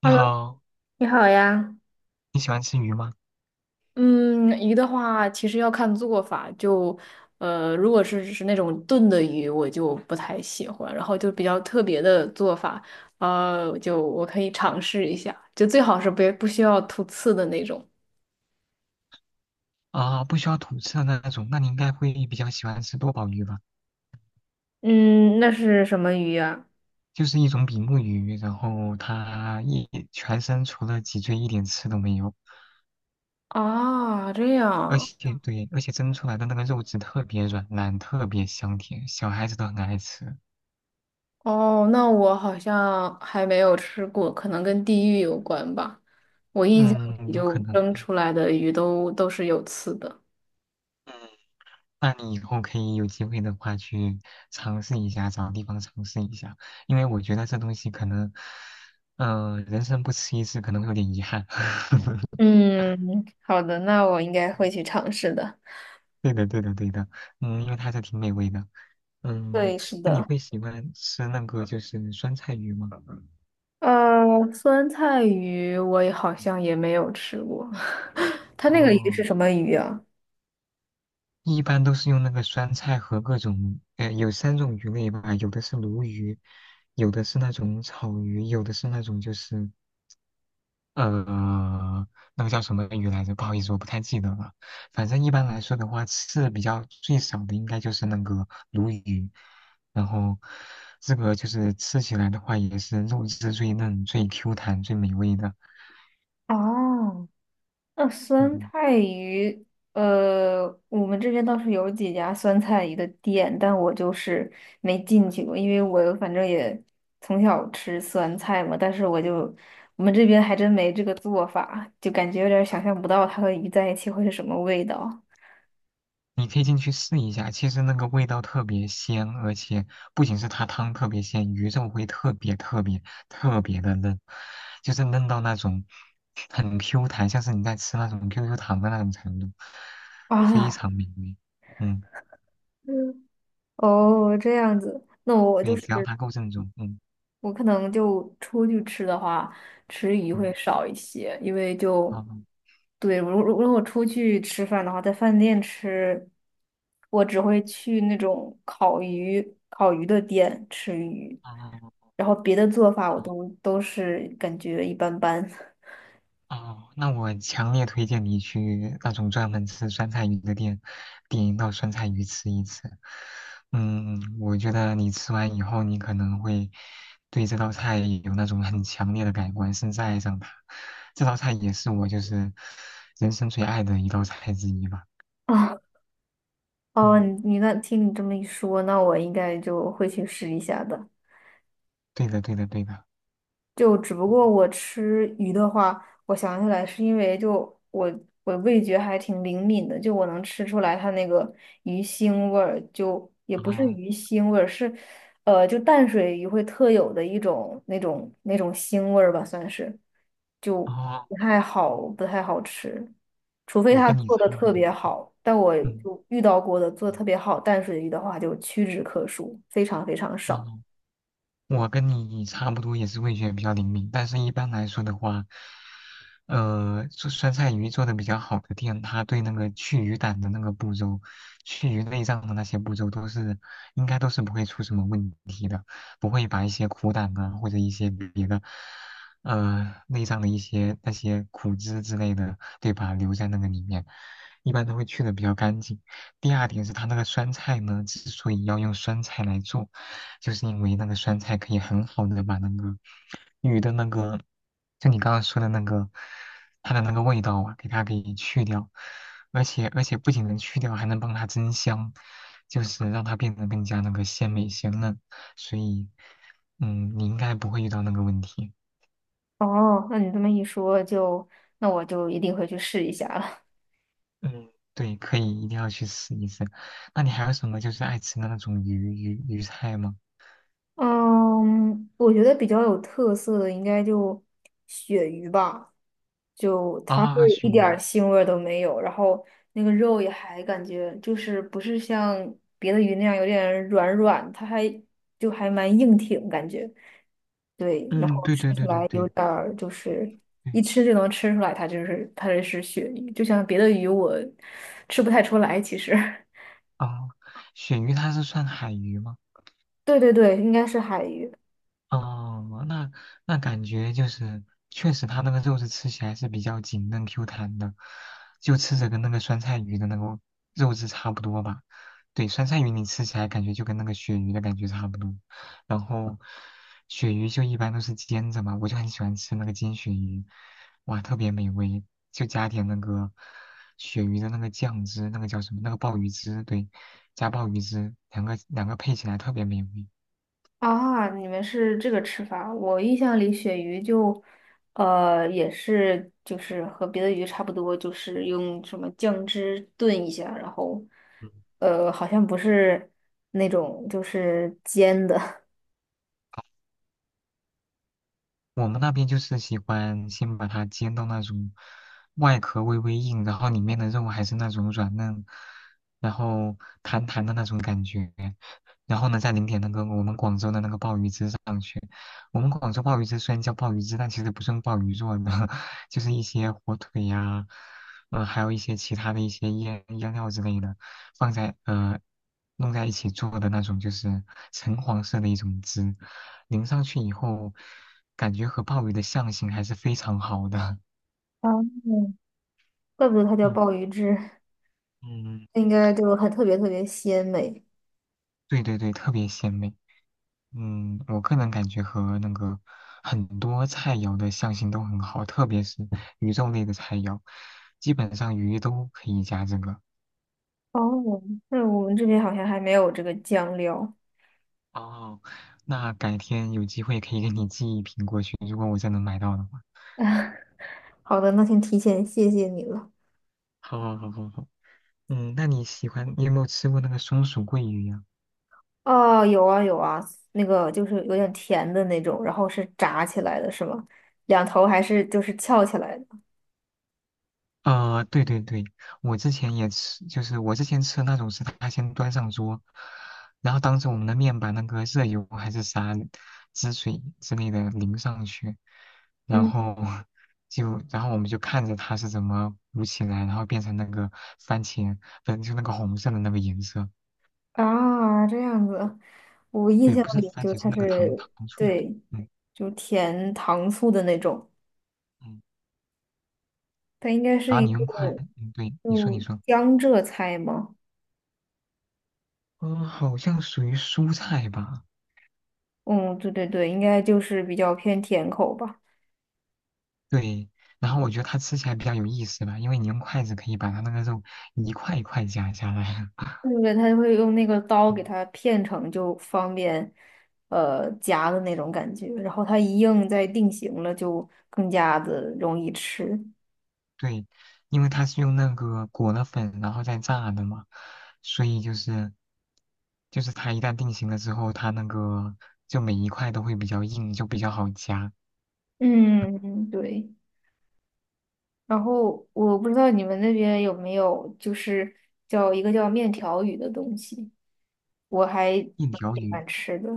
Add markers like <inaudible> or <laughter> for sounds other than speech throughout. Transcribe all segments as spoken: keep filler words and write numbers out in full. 你 Hello，好，你好呀。你喜欢吃鱼吗？嗯，鱼的话，其实要看做法。就，呃，如果是是那种炖的鱼，我就不太喜欢。然后就比较特别的做法，呃，就我可以尝试一下。就最好是不不需要吐刺的那种。啊，不需要吐刺的那种，那你应该会比较喜欢吃多宝鱼吧？嗯，那是什么鱼呀？就是一种比目鱼，然后它一全身除了脊椎一点刺都没有，啊，这而样。且对，而且蒸出来的那个肉质特别软烂，特别香甜，小孩子都很爱吃。哦，那我好像还没有吃过，可能跟地域有关吧。我印象嗯，里有就可能。蒸出来的鱼都都是有刺的。嗯，那你以后可以有机会的话去尝试一下，找地方尝试一下，因为我觉得这东西可能，嗯、人生不吃一次可能会有点遗憾。<laughs> 嗯，好的，那我应该会去尝试的。对的，对的，对的，嗯，因为它还是挺美味的，嗯，对，是那你的。会喜欢吃那个就是酸菜鱼吗？呃，酸菜鱼我也好像也没有吃过，<laughs> 它那个鱼哦，是什么鱼啊？一般都是用那个酸菜和各种，呃，有三种鱼类吧，有的是鲈鱼，有的是那种草鱼，有的是那种就是呃，那个叫什么鱼来着？不好意思，我不太记得了。反正一般来说的话，刺比较最少的应该就是那个鲈鱼，然后这个就是吃起来的话，也是肉质最嫩、最 Q 弹、最美味的。哦，那酸嗯。菜鱼，呃，我们这边倒是有几家酸菜鱼的店，但我就是没进去过，因为我反正也从小吃酸菜嘛，但是我就我们这边还真没这个做法，就感觉有点想象不到它和鱼在一起会是什么味道你可以进去试一下，其实那个味道特别鲜，而且不仅是它汤特别鲜，鱼肉会特别特别特别的嫩，就是嫩到那种很 Q 弹，像是你在吃那种 Q Q 糖的那种程度，非啊。常美味。嗯，嗯哦，这样子，那我就对，只要是它够正宗。嗯我可能就出去吃的话，吃鱼会嗯，少一些，因为就好，对，如如如果出去吃饭的话，在饭店吃，我只会去那种烤鱼烤鱼的店吃鱼，好好好。然后别的做法我都都是感觉一般般 哦，那我强烈推荐你去那种专门吃酸菜鱼的店，点一道酸菜鱼吃一吃。嗯，我觉得你吃完以后，你可能会对这道菜有那种很强烈的改观，甚至爱上它。这道菜也是我就是人生最爱的一道菜之一吧。<laughs> 啊。哦，嗯，你你那听你这么一说，那我应该就会去试一下的。对的，对的，对的。就只不过我吃鱼的话，我想起来是因为就我我味觉还挺灵敏的，就我能吃出来它那个鱼腥味儿，就也不是啊，鱼腥味儿，是呃就淡水鱼会特有的一种那种那种腥味儿吧，算是，就啊，不太好不太好吃，除非我它跟你做的差不特多。别好，但我嗯，就遇到过的做的嗯特别好淡水鱼的话就屈指可数，非常非常少。哦。我跟你差不多也是味觉比较灵敏，但是一般来说的话，呃，做酸菜鱼做的比较好的店，它对那个去鱼胆的那个步骤、去鱼内脏的那些步骤都是应该都是不会出什么问题的，不会把一些苦胆啊或者一些别的呃内脏的一些那些苦汁之类的，对吧，留在那个里面，一般都会去的比较干净。第二点是它那个酸菜呢，之所以要用酸菜来做。就是因为那个酸菜可以很好的把那个鱼的那个，就你刚刚说的那个，它的那个味道啊，给它给去掉，而且而且不仅能去掉，还能帮它增香，就是让它变得更加那个鲜美鲜嫩，所以，嗯，你应该不会遇到那个问题，哦，那你这么一说就，那我就一定会去试一下了。嗯，对，可以一定要去试一试。那你还有什么就是爱吃的那种鱼鱼鱼菜吗？嗯，我觉得比较有特色的应该就鳕鱼吧，就它会啊，鳕一点鱼，儿腥味儿都没有，然后那个肉也还感觉就是不是像别的鱼那样有点软软，它还就还蛮硬挺感觉。对，然嗯，后对吃对起对对来有对点儿就是对，一吃就能吃出来它就是它这是鳕鱼，就像别的鱼我吃不太出来其实。啊，鳕鱼它是算海鱼吗？对对对，应该是海鱼哦，那那感觉就是，确实它那个肉质吃起来是比较紧嫩 Q 弹的，就吃着跟那个酸菜鱼的那个肉质差不多吧。对，酸菜鱼你吃起来感觉就跟那个鳕鱼的感觉差不多，然后鳕鱼就一般都是煎着嘛，我就很喜欢吃那个煎鳕鱼，哇，特别美味，就加点那个鳕鱼的那个酱汁，那个叫什么？那个鲍鱼汁，对，加鲍鱼汁，两个两个配起来特别美味。啊！你们是这个吃法，我印象里鳕鱼就，呃，也是就是和别的鱼差不多，就是用什么酱汁炖一下，然后，呃，好像不是那种就是煎的，我们那边就是喜欢先把它煎到那种外壳微微硬，然后里面的肉还是那种软嫩，然后弹弹的那种感觉。然后呢，再淋点那个我们广州的那个鲍鱼汁上去。我们广州鲍鱼汁虽然叫鲍鱼汁，但其实不是用鲍鱼做的，<laughs> 就是一些火腿呀、呃，还有一些其他的一些腌腌料之类的，放在呃弄在一起做的那种，就是橙黄色的一种汁，淋上去以后，感觉和鲍鱼的相性还是非常好的。哦，怪不得它 <laughs> 叫嗯鲍鱼汁，嗯，那应该就很特别特别鲜美。对对对，特别鲜美。嗯，我个人感觉和那个很多菜肴的相性都很好，特别是鱼肉类的菜肴，基本上鱼都可以加这个。哦，那我们这边好像还没有这个酱料。哦，那改天有机会可以给你寄一瓶过去，如果我真能买到的话。<laughs> 好的，那先提前谢谢你了。好好好好好，嗯，那你喜欢，你有没有吃过那个松鼠桂鱼呀？哦，有啊有啊，那个就是有点甜的那种，然后是炸起来的，是吗？两头还是就是翘起来的？呃，对对对，我之前也吃，就是我之前吃那种是他先端上桌，然后当着我们的面把那个热油还是啥汁水之类的淋上去，然嗯后就然后我们就看着它是怎么鼓起来，然后变成那个番茄，反正就那个红色的那个颜色，啊，这样子，我印对，象不是里番就茄是它那个糖是糖醋，对，嗯就甜糖醋的那种，嗯，它应该是然后一你个用筷，嗯，对，你说你就说，江浙菜吗？嗯、好像属于蔬菜吧。嗯，对对对，应该就是比较偏甜口吧。对，然后我觉得它吃起来比较有意思吧，因为你用筷子可以把它那个肉一块一块夹下来啊。对不对？他就会用那个刀给它 <laughs> 片成，就方便呃夹的那种感觉。然后它一硬再定型了，就更加的容易吃。对，因为它是用那个裹了粉然后再炸的嘛，所以就是就是它一旦定型了之后，它那个就每一块都会比较硬，就比较好夹。嗯，对。然后我不知道你们那边有没有，就是叫一个叫面条鱼的东西，我还一蛮条喜鱼欢吃的。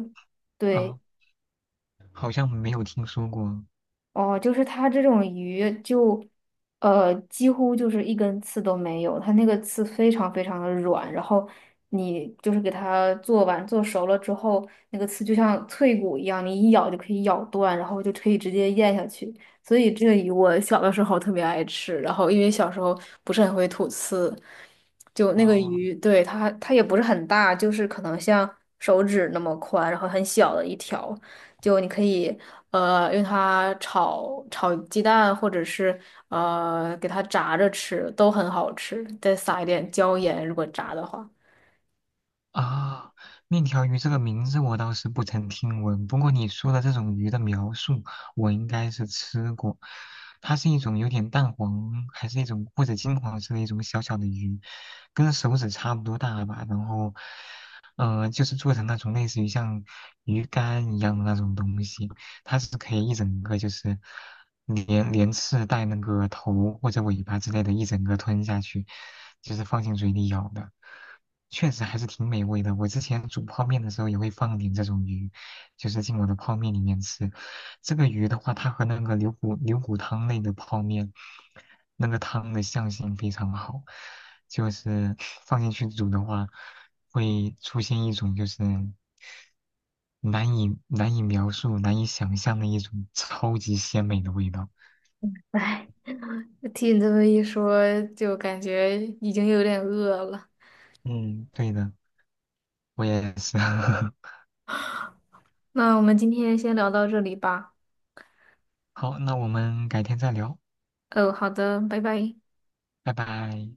对。啊，好像没有听说过。哦，就是它这种鱼就，呃，几乎就是一根刺都没有，它那个刺非常非常的软，然后你就是给它做完做熟了之后，那个刺就像脆骨一样，你一咬就可以咬断，然后就可以直接咽下去。所以这个鱼我小的时候特别爱吃，然后因为小时候不是很会吐刺，就那个哦鱼，对，它它也不是很大，就是可能像手指那么宽，然后很小的一条。就你可以呃，用它炒炒鸡蛋，或者是呃给它炸着吃，都很好吃。再撒一点椒盐，如果炸的话。啊，面条鱼这个名字我倒是不曾听闻，不过你说的这种鱼的描述，我应该是吃过。它是一种有点淡黄，还是一种或者金黄色的一种小小的鱼，跟手指差不多大吧。然后，呃，就是做成那种类似于像鱼干一样的那种东西，它是可以一整个就是连连刺带那个头或者尾巴之类的，一整个吞下去，就是放进嘴里咬的。确实还是挺美味的。我之前煮泡面的时候也会放点这种鱼，就是进我的泡面里面吃。这个鱼的话，它和那个牛骨牛骨汤类的泡面，那个汤的相性非常好，就是 <laughs> 放进去煮的话，会出现一种就是难以难以描述、难以想象的一种超级鲜美的味道。哎，听你这么一说，就感觉已经有点饿了。嗯，对的，我也是。<laughs> 那我们今天先聊到这里吧。好，那我们改天再聊，哦，好的，拜拜。拜拜。